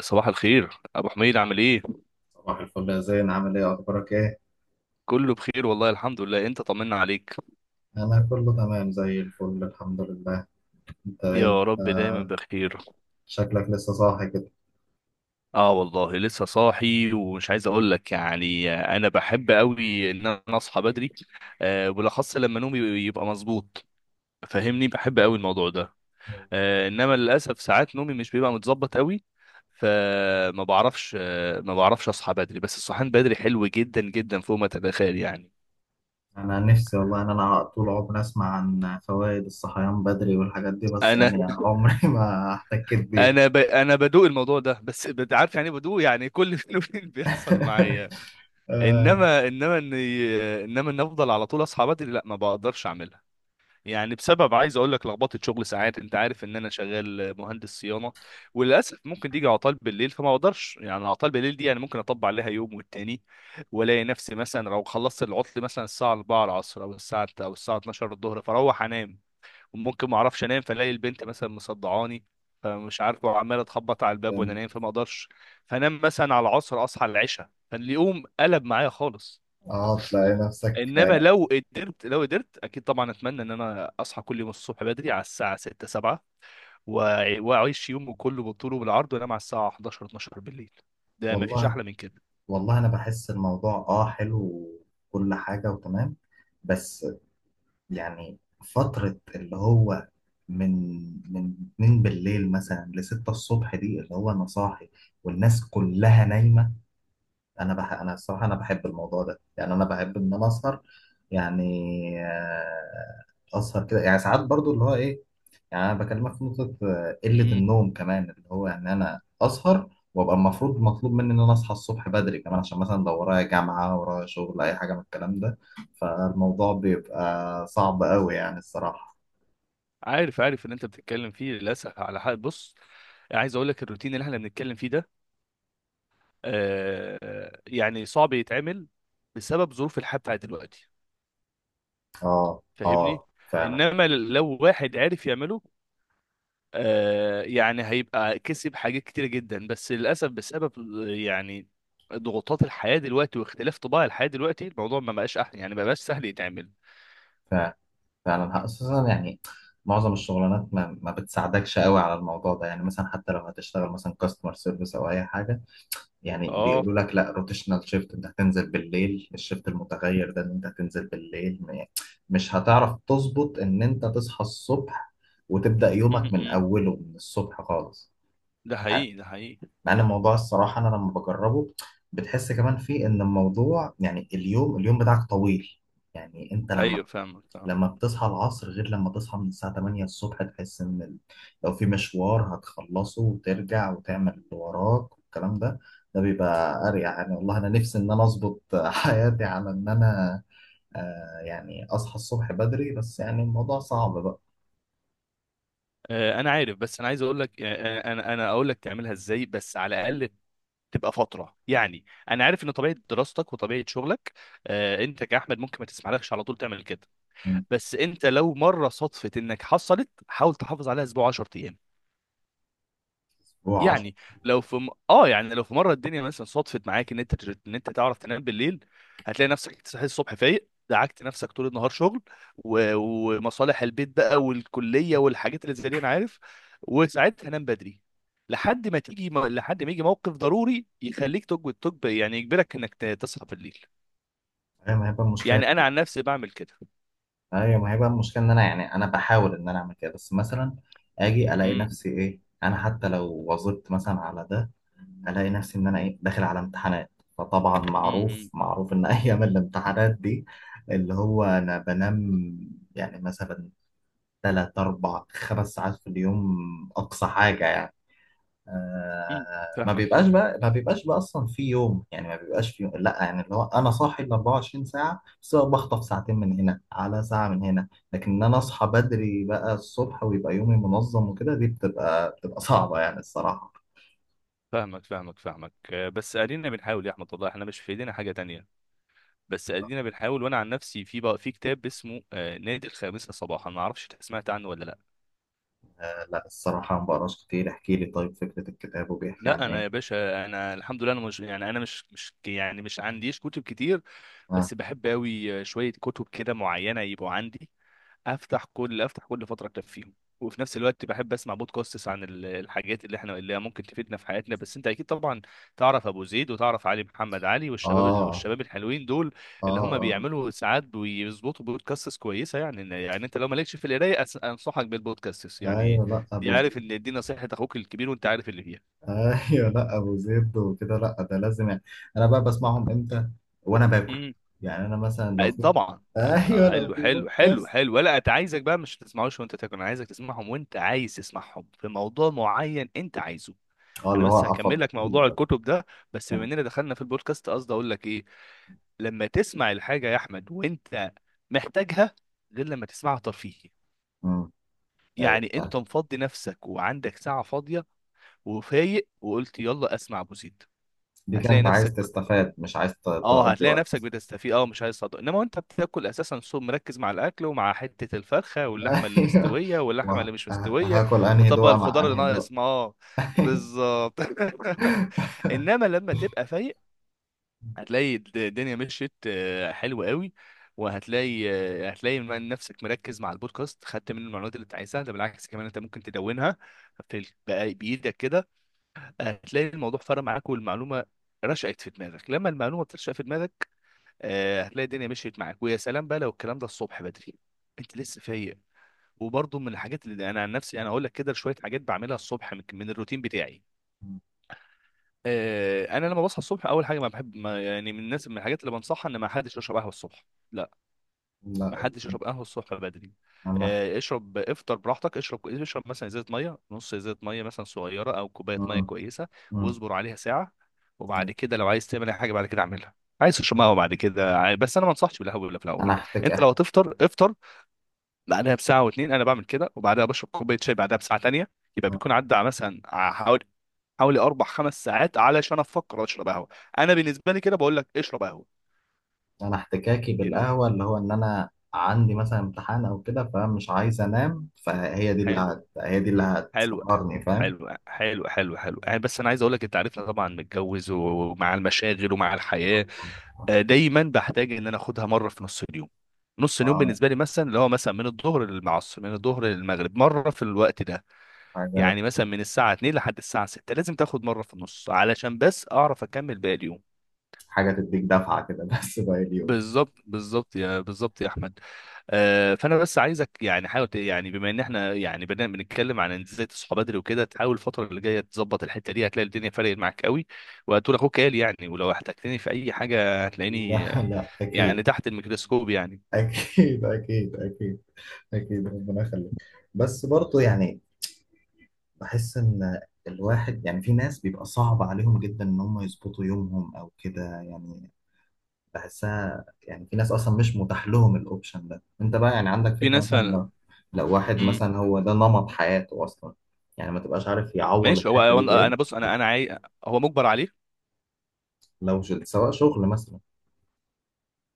صباح الخير ابو حميد، عامل ايه؟ صباح الفل يا زين، عامل ايه؟ اخبارك ايه؟ كله بخير والله، الحمد لله. انت طمنا عليك، انا كله تمام زي الفل الحمد لله. انت إيه؟ انت يا رب دايما بخير. شكلك لسه صاحي كده. اه والله لسه صاحي، ومش عايز اقول لك، انا بحب قوي ان اصحى بدري. آه بالاخص لما نومي يبقى مظبوط، فاهمني؟ بحب قوي الموضوع ده. آه انما للاسف ساعات نومي مش بيبقى متظبط قوي، فما بعرفش آه ما بعرفش اصحى بدري. بس الصحيان بدري حلو جدا جدا، فوق ما تتخيل يعني. انا نفسي والله ان انا طول عمري اسمع عن فوائد الصحيان بدري والحاجات دي، بس انا يعني عمري ما احتكيت بيها. انا ب... انا بدوق الموضوع ده، بس عارف يعني إيه بدوق؟ يعني كل فين وفين بيحصل معايا. آه، انما ان افضل على طول اصحى بدري، لا ما بقدرش اعملها. يعني بسبب، عايز اقول لك، لخبطه شغل ساعات. انت عارف ان انا شغال مهندس صيانه، وللاسف ممكن تيجي عطال بالليل، فما اقدرش. يعني عطال بالليل دي يعني ممكن اطبق عليها يوم والتاني، والاقي نفسي مثلا لو خلصت العطل مثلا الساعه 4 العصر او الساعه 12 الظهر، فاروح انام. ممكن ما اعرفش انام، فالاقي البنت مثلا مصدعاني، فمش عارف، وعماله تخبط على الباب وانا يعني نايم، فما اقدرش. فانام مثلا على العصر، اصحى على العشاء، فاليوم قلب معايا خالص. اه تلاقي نفسك انما آه، لو قدرت، لو قدرت، اكيد طبعا اتمنى ان انا اصحى كل يوم الصبح بدري على الساعه 6 7، واعيش يومه كله بالطول وبالعرض، وانام على الساعه 11 12 بالليل. ده مفيش والله. احلى من كده. والله انا بحس الموضوع اه حلو وكل حاجه وتمام، بس يعني فترة اللي هو من من 2 بالليل مثلا ل 6 الصبح، دي اللي هو انا صاحي والناس كلها نايمة. انا الصراحة انا بحب الموضوع ده، يعني انا بحب ان انا اسهر، يعني آه، اسهر كده يعني ساعات برضو اللي هو ايه. يعني انا بكلمك في نقطه آه، قله امم. النوم كمان، اللي هو ان انا اسهر وابقى المفروض مطلوب مني ان انا اصحى الصبح بدري كمان، عشان مثلا لو ورايا جامعه ورايا شغل اي حاجه من الكلام ده، فالموضوع بيبقى صعب قوي يعني الصراحه. عارف، عارف ان انت بتتكلم فيه، للاسف على حق. بص، عايز اقول لك الروتين اللي احنا بنتكلم فيه ده، آه، يعني صعب يتعمل بسبب ظروف الحياة بتاعت دلوقتي، اه فاهمني؟ اه فعلا. انما لو واحد عرف يعمله، آه، يعني هيبقى كسب حاجات كتيرة جدا. بس للأسف بسبب، يعني، ضغوطات الحياة دلوقتي واختلاف طباع الحياة دلوقتي، الموضوع ما بقاش سهل يتعمل. فعلا فعلا، خصوصا يعني معظم الشغلانات ما بتساعدكش قوي على الموضوع ده، يعني مثلا حتى لو هتشتغل مثلا كاستمر سيرفيس او اي حاجه، يعني اه. بيقولوا لك لا روتيشنال شيفت، انت هتنزل بالليل، الشيفت المتغير ده ان انت هتنزل بالليل، مش هتعرف تظبط ان انت تصحى الصبح وتبدأ م- يومك من م. اوله من الصبح خالص. ده مع حقيقي، ده حقيقي. مع ان الموضوع الصراحة انا لما بجربه بتحس كمان فيه ان الموضوع يعني اليوم بتاعك طويل، يعني انت لما ايوه فاهمك، فاهم. لما بتصحى العصر غير لما تصحى من الساعة 8 الصبح، تحس إن لو في مشوار هتخلصه وترجع وتعمل اللي وراك والكلام ده، ده بيبقى أريح يعني. والله أنا نفسي إن أنا أظبط حياتي على إن أنا آه يعني أصحى الصبح بدري، بس يعني الموضوع صعب بقى. آه، انا عارف. بس انا عايز اقول لك، آه، انا اقول لك تعملها ازاي، بس على الاقل تبقى فتره يعني. انا عارف ان طبيعه دراستك وطبيعه شغلك، آه، انت كاحمد ممكن ما تسمحلكش على طول تعمل كده. مم. بس انت لو مره صدفت انك حصلت، حاول تحافظ عليها اسبوع 10 ايام. هو 10 يعني لو في م... اه يعني لو في مره الدنيا مثلا صدفت معاك ان انت تعرف تنام بالليل، هتلاقي نفسك صحيت الصبح فايق، دعكت نفسك طول النهار شغل ومصالح البيت بقى والكليه والحاجات اللي زي دي انا عارف. وساعتها نام بدري، لحد ما يجي موقف ضروري يخليك تجب تجب يعني يجبرك انك تصحى بالليل. أيام هيبقى مشكلة؟ يعني انا عن نفسي بعمل كده. ايوه، ما هي بقى المشكله ان انا، يعني انا بحاول ان انا اعمل كده بس مثلا اجي الاقي امم نفسي ايه، انا حتى لو وظبت مثلا على ده الاقي نفسي ان انا ايه داخل على امتحانات، فطبعا امم معروف امم معروف ان ايام الامتحانات دي اللي هو انا بنام يعني مثلا تلات اربع خمس ساعات في اليوم، اقصى حاجه يعني. إمم. آه ما بيبقاش بقى، ما بيبقاش بقى اصلا في يوم، يعني ما بيبقاش في يوم لا يعني اللي هو انا صاحي ال 24 ساعه، بس أنا بخطف ساعتين من هنا على ساعه من هنا. لكن ان انا اصحى بدري بقى الصبح ويبقى يومي منظم وكده، دي بتبقى صعبه يعني الصراحه. فاهمك، آه، بس ادينا بنحاول يا احمد، والله احنا مش في ايدينا حاجه تانية. بس ادينا بنحاول. وانا عن نفسي في بقى في كتاب اسمه، آه، نادي الخامسة صباحا. ما اعرفش انت سمعت عنه ولا لا؟ آه لا الصراحه ما بقراش كتير، احكي لي طيب فكره الكتاب وبيحكي لا عن انا ايه. يا باشا انا الحمد لله، انا مش مش عنديش كتب كتير، اه. بس بحب قوي شوية كتب كده معينة يبقوا عندي، افتح كل فتره اكفيهم. وفي نفس الوقت بحب اسمع بودكاستس عن الحاجات اللي احنا اللي ممكن تفيدنا في حياتنا. بس انت اكيد طبعا تعرف ابو زيد، وتعرف علي محمد علي، والشباب اه، والشباب الحلوين دول اه. اللي هم آه. بيعملوا ساعات بيظبطوا بودكاستس كويسه. يعني انت لو مالكش في القرايه، انصحك بالبودكاستس يعني. ايوه لا دي ابو عارف زيد. ان دي نصيحه اخوك الكبير، وانت عارف اللي ايوه لا ابو زيد وكده، لا ده لازم يعني. انا بقى بسمعهم امتى وانا باكل، فيها يعني انا مثلا لو في طبعا. ايوه لو حلو في حلو حلو بودكاست. حلو ولا انت، عايزك بقى مش تسمعوش وانت تاكل؟ انا عايزك تسمعهم وانت عايز تسمعهم في موضوع معين انت عايزه. اه انا اللي هو بس افضل. هكمل لك موضوع الكتب ده. بس بما اننا دخلنا في البودكاست، قصدي اقول لك ايه، لما تسمع الحاجه يا احمد وانت محتاجها، غير لما تسمعها ترفيهي. امم. ايوه يعني فعلا. انت مفضي نفسك وعندك ساعه فاضيه وفايق، وقلت يلا اسمع ابو زيد، دي هتلاقي كانت عايز نفسك، تستفاد مش عايز اه، تقضي هتلاقي نفسك وقت. بتستفيد. اه مش هيصدق. انما وانت بتاكل، اساسا صوم مركز مع الاكل، ومع حته الفرخه واللحمه اللي ايوه مستويه واللحمه اللي مش مستويه وهاكل انهي وطبق دوقه مع الخضار اللي انهي دوقه. ناقص معاه. بالظبط انما لما تبقى فايق، هتلاقي الدنيا مشيت، آه، حلو قوي. وهتلاقي، آه، هتلاقي من نفسك مركز مع البودكاست، خدت منه المعلومات اللي انت عايزها. ده بالعكس كمان انت ممكن تدونها في بقى بايدك كده. هتلاقي الموضوع فرق معاك، والمعلومه رشقت في دماغك. لما المعلومه بترشق في دماغك، آه، هتلاقي الدنيا مشيت معاك. ويا سلام بقى لو الكلام ده الصبح بدري، انت لسه فايق. وبرضه من الحاجات اللي انا عن نفسي انا اقول لك كده، شويه حاجات بعملها الصبح، من الروتين بتاعي. آه، انا لما بصحى الصبح اول حاجه، ما بحب ما يعني من الناس، من الحاجات اللي بنصحها، ان ما حدش يشرب قهوه الصبح. لا، لا ما حدش يشرب قهوه الصبح بدري. انا. آه، اشرب، افطر براحتك، اشرب، مثلا ازازه ميه، نص ازازه ميه مثلا صغيره، او كوبايه ميه مم. كويسه، مم. واصبر عليها ساعه. أيوة. وبعد كده لو عايز تعمل اي حاجه بعد كده اعملها. عايز تشرب قهوه بعد كده، بس انا ما انصحش بالقهوه ولا في انا الاول. هحتاج انت لو احكي. هتفطر افطر، بعدها بساعه واتنين انا بعمل كده، وبعدها بشرب كوبايه شاي بعدها بساعه تانيه، يبقى بيكون عدى مثلا، حوالي، حوالي اربع خمس ساعات علشان افكر اشرب قهوه. انا بالنسبه لي كده بقول لك اشرب قهوه. انا احتكاكي إن- بالقهوه اللي هو ان انا عندي مثلا امتحان او كده فمش عايز انام، فهي دي اللي حلو هي دي اللي حلو هتسهرني، فاهم. حلو حلو. يعني بس انا عايز اقول لك، انت عارفنا طبعا متجوز، ومع المشاغل ومع الحياه، آه، دايما بحتاج ان انا اخدها مره في نص اليوم. نص اليوم اه بالنسبه لي مثلا اللي هو مثلا من الظهر للعصر، من الظهر للمغرب، مره في الوقت ده. حاجه. يعني مثلا من الساعه 2 لحد الساعه 6، لازم تاخد مره في النص علشان بس اعرف اكمل باقي اليوم. حاجه تديك دفعه كده بس باقي اليوم. بالظبط، بالظبط يا احمد. آه، فانا بس عايزك يعني حاول بما ان احنا، يعني، بدنا بنتكلم عن ازاي تصحى بدري وكده، تحاول الفتره اللي جايه تظبط الحته دي، هتلاقي الدنيا فرقت معاك قوي. وهتقول اخوك قال يعني. ولو احتجتني في اي حاجه هتلاقيني، لا آه، لا يعني اكيد تحت الميكروسكوب يعني. اكيد. اكيد اكيد. اكيد ربنا يخليك. بس برضه يعني بحس ان الواحد يعني في ناس بيبقى صعب عليهم جدا ان هم يظبطوا يومهم او كده، يعني بحسها يعني في ناس اصلا مش متاح لهم الاوبشن ده. انت بقى يعني عندك في فكره ناس مثلا فعلا. لو، لو واحد امم. مثلا هو ده نمط حياته اصلا، يعني ما تبقاش عارف يعوض ماشي، هو الحته هو دي انا بايه؟ أنا بص، انا عاي... هو مجبر عليه. سواء شغل مثلا.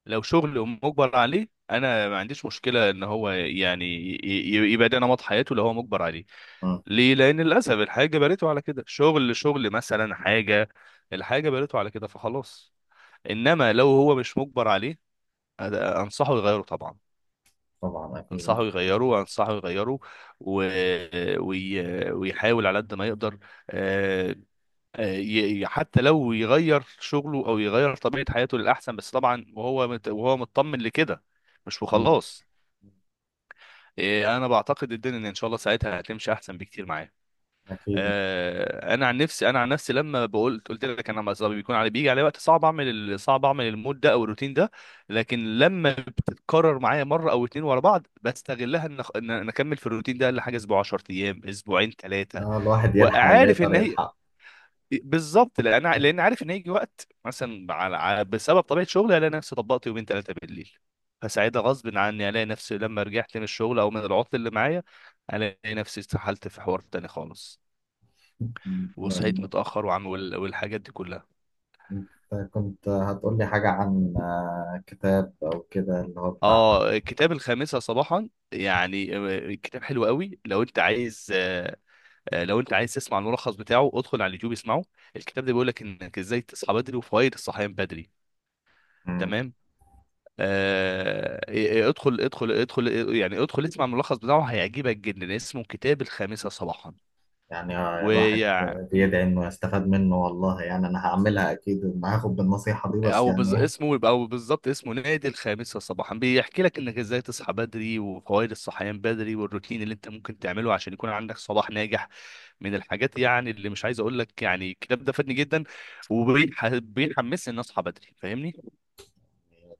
لو شغل مجبر عليه، انا ما عنديش مشكله ان هو يعني يبقى ده نمط حياته لو هو مجبر عليه. مم. ليه؟ لان للاسف الحاجه بنيته على كده، شغل، شغل مثلا حاجه، الحاجه بنيته على كده، فخلاص. انما لو هو مش مجبر عليه، انصحه يغيره طبعا، طبعا اكيد. انصحه يغيره، و... وي... ويحاول على قد ما يقدر، آه، آه، حتى لو يغير شغله او يغير طبيعه حياته للاحسن، بس طبعا وهو وهو مطمن لكده، مش مم. وخلاص. آه، انا بعتقد الدنيا ان إن شاء الله ساعتها هتمشي احسن بكتير معاه. اكيد. آه، انا عن نفسي لما بقول قلت لك، انا مثلا بيكون علي بيجي علي وقت صعب اعمل صعب اعمل المود ده او الروتين ده، لكن لما بتتكرر معايا مره او اتنين ورا بعض بستغلها ان انا اكمل في الروتين ده لحاجه اسبوع 10 ايام، اسبوعين، ثلاثه. آه الواحد يلحق اللي وعارف يقدر ان هي يلحق. بالظبط، لان لان عارف ان هيجي وقت مثلا بسبب طبيعه شغلي الاقي نفسي طبقت يومين ثلاثه بالليل، فساعتها غصب عني الاقي نفسي لما رجعت من الشغل او من العطل اللي معايا، الاقي نفسي استحلت في حوار تاني خالص، وصحيت مم. متأخر، والحاجات دي كلها. انت كنت هتقول لي حاجه عن آه، كتاب او كده اللي هو بتاع. اه الكتاب الخامسة صباحا، يعني آه، الكتاب حلو قوي. لو انت عايز، آه، آه، لو انت عايز تسمع الملخص بتاعه، ادخل على اليوتيوب اسمعه. الكتاب ده بيقول لك انك ازاي تصحى بدري، وفوائد الصحيان بدري. مم. تمام. آه إيه- إيه، ادخل، إيه، يعني ادخل اسمع الملخص بتاعه، هيعجبك جدا. اسمه كتاب الخامسة صباحا، يعني الواحد ويعني بيدعي انه يستفاد منه والله، يعني انا هعملها اكيد، ما هاخد بالنصيحة دي، بس يعني اسمه، او بالظبط اسمه، نادي الخامسة صباحا. بيحكي لك انك ازاي تصحى بدري، وفوائد الصحيان بدري، والروتين اللي انت ممكن تعمله عشان يكون عندك صباح ناجح. من الحاجات يعني اللي مش عايز اقول لك، يعني الكتاب ده فادني جدا وبيحمسني ان اصحى بدري، فاهمني؟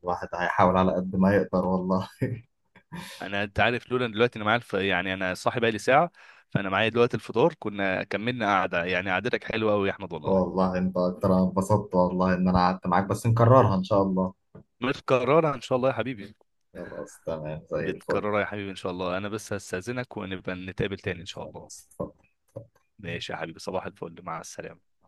الواحد هيحاول على قد ما يقدر والله. انا، انت عارف، لولا إن دلوقتي انا معايا الف... يعني انا صاحي بقالي ساعة، فانا معايا دلوقتي الفطار، كنا كملنا قعدة. يعني قعدتك حلوة قوي يا احمد والله. والله انت اكتر، انا انبسطت والله ان انا قعدت معاك، بس نكررها ان شاء الله. متكررة ان شاء الله يا حبيبي، خلاص تمام زي الفل. متكررة يا حبيبي ان شاء الله. انا بس هستأذنك ونبقى نتقابل تاني ان شاء الله. خلاص اتفضل. اتفضل. ماشي يا حبيبي، صباح الفل، مع السلامة.